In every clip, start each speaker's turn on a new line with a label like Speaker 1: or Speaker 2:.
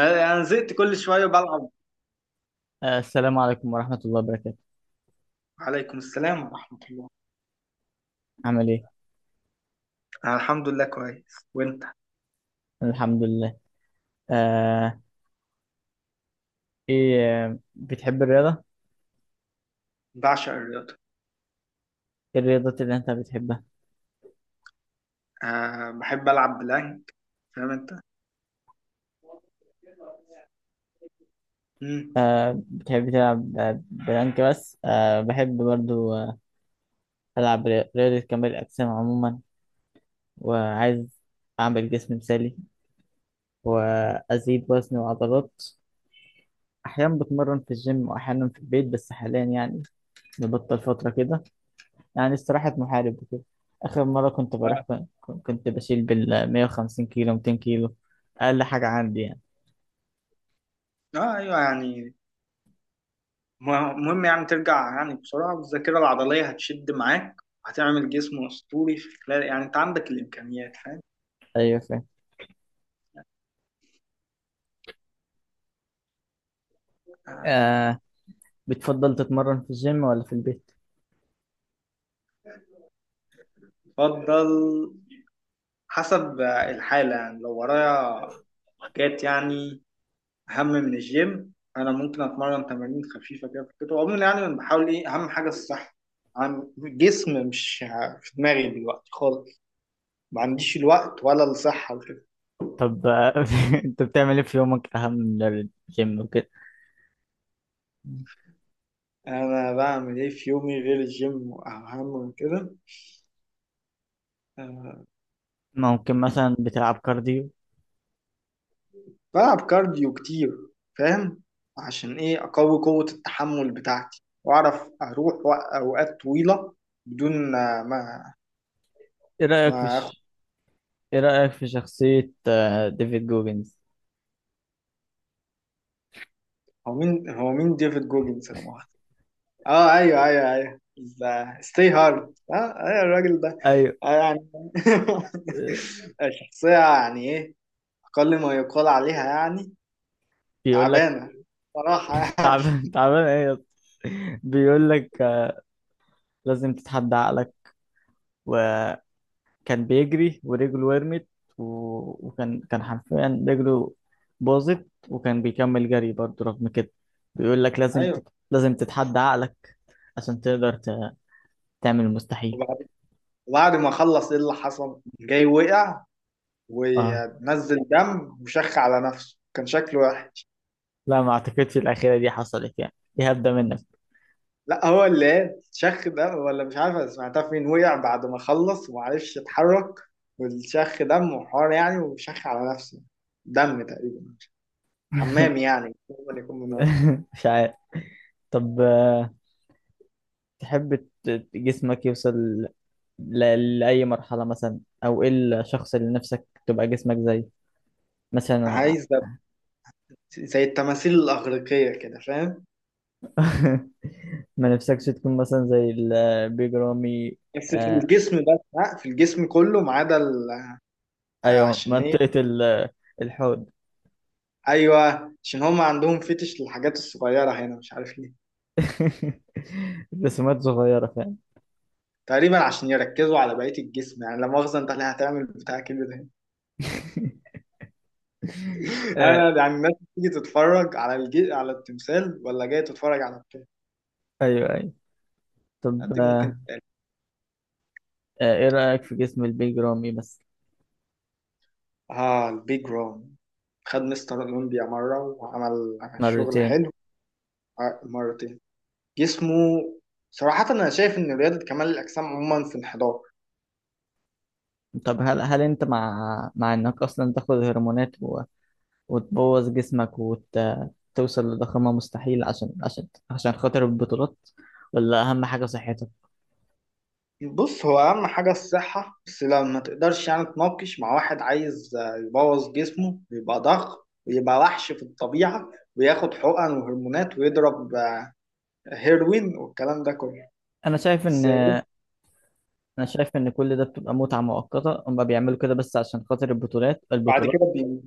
Speaker 1: انا زهقت كل شويه بلعب.
Speaker 2: السلام عليكم ورحمة الله وبركاته.
Speaker 1: عليكم السلام ورحمه الله.
Speaker 2: عامل ايه؟
Speaker 1: انا الحمد لله كويس. وانت؟
Speaker 2: الحمد لله. آه، ايه. بتحب الرياضة؟
Speaker 1: بعشق الرياضه.
Speaker 2: ايه الرياضات اللي انت بتحبها؟
Speaker 1: بحب العب بلانك، فاهم انت. مم.
Speaker 2: بتحب تلعب بلانك بس؟ بحب برضو ألعب رياضة كمال الأجسام عموما، وعايز أعمل جسم مثالي وأزيد وزن وعضلات. أحيانا بتمرن في الجيم وأحيانا في البيت، بس حاليا يعني نبطل فترة كده، يعني استراحة محارب وكده. آخر مرة
Speaker 1: اه.
Speaker 2: كنت بشيل بال 150 كيلو 200 كيلو، أقل حاجة عندي يعني.
Speaker 1: ايوه يعني مهم يعني ترجع، يعني بسرعه الذاكره العضليه هتشد معاك، هتعمل جسم اسطوري في خلال، يعني انت عندك الامكانيات، فاهم.
Speaker 2: أيوة فاهم.
Speaker 1: آه،
Speaker 2: آه بتفضل تتمرن في الجيم ولا في البيت؟
Speaker 1: افضل حسب الحاله، يعني لو ورايا حاجات يعني اهم من الجيم، انا ممكن اتمرن تمارين خفيفه كده في الكتف عموما، يعني انا بحاول ايه، اهم حاجه الصحه عن جسم، مش في دماغي دلوقتي خالص، ما عنديش الوقت ولا الصحه وكده.
Speaker 2: طب، أنت بتعمل إيه في يومك أهم من الجيم وكده؟
Speaker 1: انا بعمل ايه في يومي غير الجيم اهم من كده؟ أه.
Speaker 2: ممكن مثلا بتلعب كارديو؟
Speaker 1: بلعب كارديو كتير، فاهم، عشان ايه، اقوي قوه التحمل بتاعتي، واعرف اروح اوقات طويله بدون ما
Speaker 2: إيه رأيك في
Speaker 1: ما اخد.
Speaker 2: ش... إيه رأيك في شخصية ديفيد جوجنز؟
Speaker 1: هو مين، ديفيد جوجنز؟ انا اه، ايوه ايوه ايوه، ستي هارد، اه ايوه الراجل ده.
Speaker 2: أيوة.
Speaker 1: يعني
Speaker 2: آه،
Speaker 1: شخصية، يعني ايه، اقل ما يقال عليها يعني،
Speaker 2: بيقول لك،
Speaker 1: تعبانة صراحة يعني.
Speaker 2: تعبان تعبان إيه يا اسطى؟ بيقول لك لازم تتحدى عقلك، و كان بيجري ورجله ورمت و... وكان حرفيا رجله باظت، وكان بيكمل جري برضه رغم كده. بيقول لك
Speaker 1: ايوه.
Speaker 2: لازم تتحدى عقلك، عشان تقدر تعمل المستحيل.
Speaker 1: وبعد، وبعد ما خلص ايه اللي حصل؟ جاي وقع
Speaker 2: اه،
Speaker 1: ونزل دم وشخ على نفسه، كان شكله وحش.
Speaker 2: لا، ما اعتقدش الاخيره دي حصلت، يعني دي هبده منك.
Speaker 1: لا، هو اللي ايه، شخ دم ولا مش عارف، أنا سمعتها فين. وقع بعد ما خلص ومعرفش يتحرك، والشخ دم وحوار يعني، وشخ على نفسه دم تقريبا، حمام يعني هو اللي يكون مناسب.
Speaker 2: مش عارف. طب، تحب جسمك يوصل لأي مرحلة مثلا، أو إيه الشخص اللي نفسك تبقى جسمك زيه مثلا؟
Speaker 1: عايز ده زي التماثيل الأغريقية كده، فاهم.
Speaker 2: ما نفسكش تكون مثلا زي البيج رامي؟
Speaker 1: بس في
Speaker 2: آه
Speaker 1: الجسم بس، لا في الجسم كله ما عدا
Speaker 2: ايوه،
Speaker 1: عشان ايه.
Speaker 2: منطقة الحوض.
Speaker 1: ايوه، عشان هم عندهم فتش للحاجات الصغيرة هنا، مش عارف ليه،
Speaker 2: رسومات صغيرة فاهم.
Speaker 1: تقريبا عشان يركزوا على بقية الجسم. يعني لا مؤاخذة، انت اللي هتعمل بتاع كبير ده.
Speaker 2: آه
Speaker 1: انا يعني الناس بتيجي تتفرج على على التمثال ولا جاي تتفرج على بتاع؟
Speaker 2: ايوه، ايوه. طب،
Speaker 1: دي ممكن تتقال.
Speaker 2: ايه رأيك في جسم البيج رامي بس؟
Speaker 1: اه، البيج رام، خد مستر اولمبيا مرة وعمل شغل
Speaker 2: مرتين.
Speaker 1: حلو. مرتين. جسمه صراحة، أنا شايف إن رياضة كمال الأجسام عموما في انحدار.
Speaker 2: طب، هل انت مع انك اصلا تاخد هرمونات وتبوظ جسمك، وتوصل لضخامة مستحيل، عشان عشان خاطر البطولات، ولا اهم حاجة صحتك؟
Speaker 1: بص، هو أهم حاجة الصحة، بس لو ما تقدرش يعني تناقش مع واحد عايز يبوظ جسمه ويبقى ضخم ويبقى وحش في الطبيعة، وياخد حقن وهرمونات ويضرب هيروين والكلام ده كله.
Speaker 2: انا شايف
Speaker 1: بس
Speaker 2: ان
Speaker 1: إيه،
Speaker 2: انا شايف ان كل ده بتبقى متعه مؤقته، هم بيعملوا كده بس عشان خاطر البطولات
Speaker 1: بعد
Speaker 2: البطولات
Speaker 1: كده بي...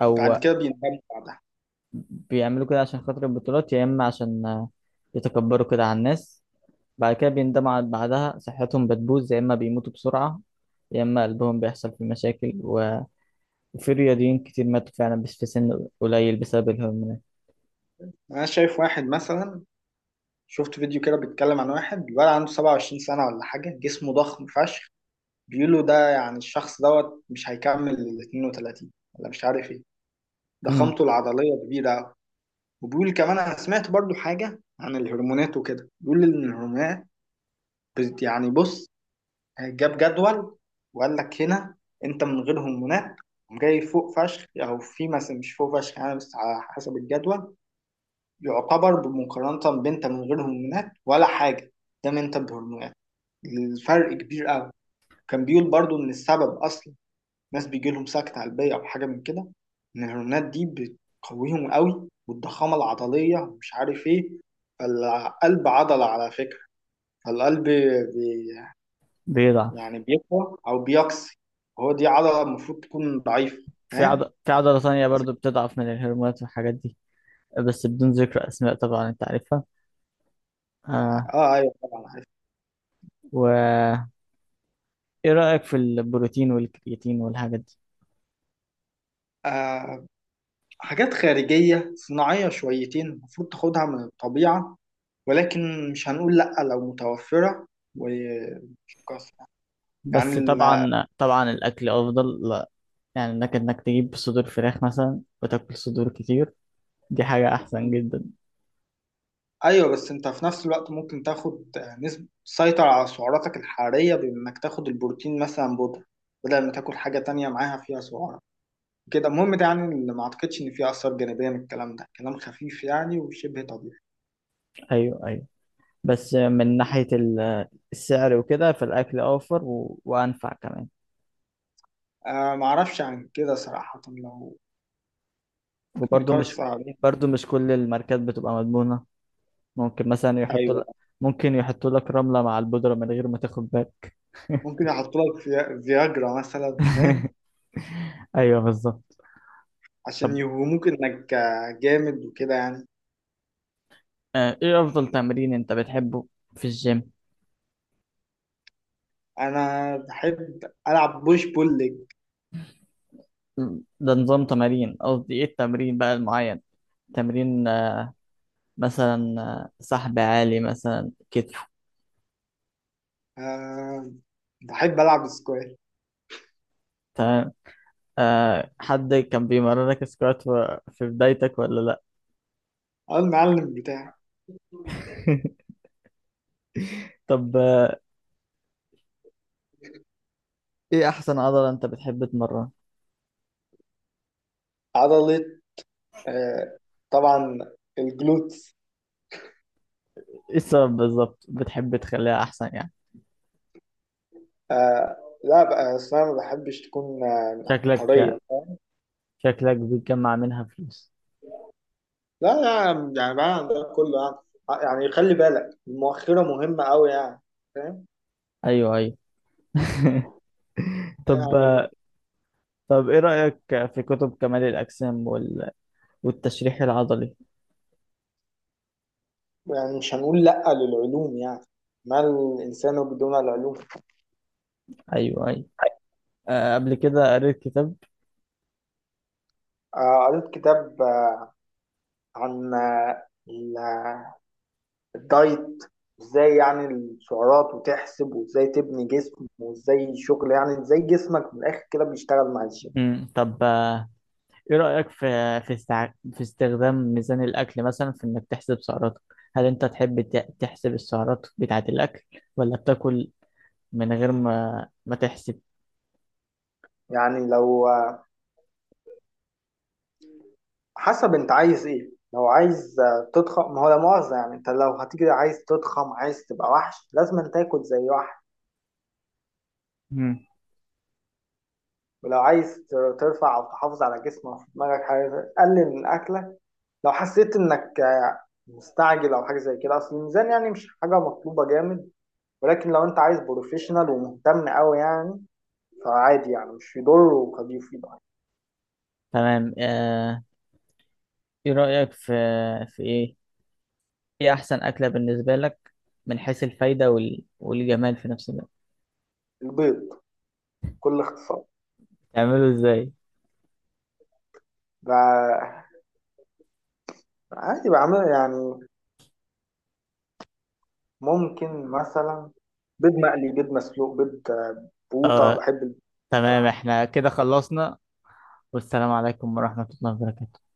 Speaker 2: او
Speaker 1: بعد كده بيندم بعدها.
Speaker 2: بيعملوا كده عشان خاطر البطولات، يا اما عشان يتكبروا كده على الناس. بعد كده بيندموا بعدها صحتهم بتبوظ، يا اما بيموتوا بسرعه، يا اما قلبهم بيحصل فيه مشاكل وفي رياضيين كتير ماتوا فعلا، بس في سن قليل، بسبب الهرمونات.
Speaker 1: أنا شايف واحد مثلا، شفت فيديو كده بيتكلم عن واحد، الولد عنده 27 سنة ولا حاجة، جسمه ضخم فشخ، بيقولوا ده يعني الشخص دوت مش هيكمل ال 32 ولا مش عارف ايه.
Speaker 2: امم
Speaker 1: ضخامته العضلية كبيرة أوي. وبيقول كمان، أنا سمعت برضو حاجة عن الهرمونات وكده، بيقول إن الهرمونات يعني بص، جاب جدول وقال لك هنا أنت من غير هرمونات جاي فوق فشخ أو في مثلا مش فوق فشخ يعني، بس على حسب الجدول يعتبر بمقارنة، بأنت من غير هرمونات ولا حاجة، ده أنت بهرمونات، الفرق كبير أوي. كان بيقول برضو إن السبب أصلا ناس بيجي لهم سكتة قلبية أو حاجة من كده، إن الهرمونات دي بتقويهم قوي، والضخامة العضلية ومش عارف إيه، فالقلب عضلة على فكرة، فالقلب بي،
Speaker 2: بيضعف.
Speaker 1: يعني بيقوى أو بيقسي، هو دي عضلة المفروض تكون ضعيفة، فاهم؟
Speaker 2: في عضله ثانيه برضو بتضعف من الهرمونات والحاجات دي، بس بدون ذكر اسماء طبعا، انت عارفها.
Speaker 1: آه.
Speaker 2: آه
Speaker 1: أيوه طبعا عارف.
Speaker 2: و ايه رأيك في البروتين والكرياتين والحاجات دي؟
Speaker 1: آه، حاجات خارجية صناعية شويتين، المفروض تاخدها من الطبيعة، ولكن مش هنقول لأ لو متوفرة وتتكاثر
Speaker 2: بس
Speaker 1: يعني.
Speaker 2: طبعا طبعا الاكل افضل، لا يعني انك تجيب صدور فراخ مثلا وتاكل صدور كتير، دي حاجة احسن جدا.
Speaker 1: ايوه بس انت في نفس الوقت ممكن تاخد نسبة، تسيطر على سعراتك الحرارية بانك تاخد البروتين مثلا بودرة، بدل ما تاكل حاجة تانية معاها فيها سعرات. كده المهم ده، يعني اللي ما اعتقدش ان فيه اثار جانبية من الكلام ده، كلام خفيف يعني وشبه طبيعي.
Speaker 2: ايوه، ايوه. بس من ناحية السعر وكده، فالاكل اوفر وانفع كمان.
Speaker 1: آه ما اعرفش عن كده صراحة، لو ممكن
Speaker 2: وبرضه
Speaker 1: نقارس
Speaker 2: مش
Speaker 1: عليه.
Speaker 2: برضه مش كل الماركات بتبقى مضمونة، ممكن مثلا يحطوا
Speaker 1: ايوه
Speaker 2: لك ممكن يحطوا لك رملة مع البودرة من غير ما تاخد بالك.
Speaker 1: ممكن يحط لك فياجرا مثلا، فاهم،
Speaker 2: ايوه بالظبط.
Speaker 1: عشان
Speaker 2: طب
Speaker 1: يوهموك انك جامد وكده يعني.
Speaker 2: ايه افضل تمرين انت بتحبه في الجيم؟
Speaker 1: انا بحب العب بوش بول ليج.
Speaker 2: ده نظام تمارين، قصدي ايه التمرين بقى المعين، تمرين مثلا سحب عالي مثلا، كتف.
Speaker 1: آه بحب العب سكواش.
Speaker 2: تمام. حد كان بيمرنك سكوات في بدايتك ولا لا؟
Speaker 1: اه المعلم بتاعي.
Speaker 2: طب ايه احسن عضلة انت بتحب تمرن؟
Speaker 1: عضلة، آه، طبعا الجلوتس.
Speaker 2: ايه السبب بالظبط بتحب تخليها احسن يعني؟
Speaker 1: آه، لا بقى، أصل أنا ما بحبش تكون
Speaker 2: شكلك
Speaker 1: طرية، فاهم؟
Speaker 2: شكلك بتجمع منها فلوس.
Speaker 1: لا لا، يعني بقى عندنا كله يعني، يعني خلي بالك المؤخرة مهمة أوي يعني، فاهم
Speaker 2: ايوه، ايوه. طب
Speaker 1: يعني.
Speaker 2: آه، طب ايه رأيك في كتب كمال الأجسام والتشريح العضلي؟
Speaker 1: يعني مش هنقول لأ للعلوم يعني، ما الإنسان بدون العلوم.
Speaker 2: ايوه، ايوه. قبل كده قريت كتاب.
Speaker 1: آه قريت كتاب آه عن الدايت، ازاي يعني السعرات وتحسب، وازاي تبني جسم، وازاي شغل يعني، ازاي جسمك من الاخر كده بيشتغل مع الجيم.
Speaker 2: مم. طب ايه رأيك في استخدام ميزان الأكل مثلا، في إنك تحسب سعراتك. هل أنت تحب تحسب السعرات بتاعة الأكل، ولا بتاكل من غير ما تحسب؟
Speaker 1: يعني لو حسب انت عايز ايه. لو عايز تضخم، ما هو لا مؤاخذة يعني، انت لو هتيجي عايز تضخم، عايز تبقى وحش، لازم أن تاكل زي وحش.
Speaker 2: مم.
Speaker 1: ولو عايز ترفع او تحافظ على جسمك وفي دماغك حاجه، قلل من اكلك. لو حسيت انك مستعجل او حاجه زي كده، اصل الميزان يعني مش حاجه مطلوبه جامد، ولكن لو انت عايز بروفيشنال ومهتم قوي يعني، فعادي يعني مش يضر، وخفيف يضر.
Speaker 2: تمام. ايه رأيك. في في ايه ايه أحسن أكلة بالنسبة لك، من حيث الفايدة والجمال في نفس الوقت؟
Speaker 1: البيض بكل اختصار.
Speaker 2: تعمله ازاي؟
Speaker 1: بقى- عادي بعمل يعني، ممكن مثلا بيض مقلي، بيض مسلوق، بيض بقوطة،
Speaker 2: اه،
Speaker 1: بحب البيض
Speaker 2: تمام،
Speaker 1: بصراحة.
Speaker 2: احنا كده خلصنا. والسلام عليكم ورحمة الله وبركاته.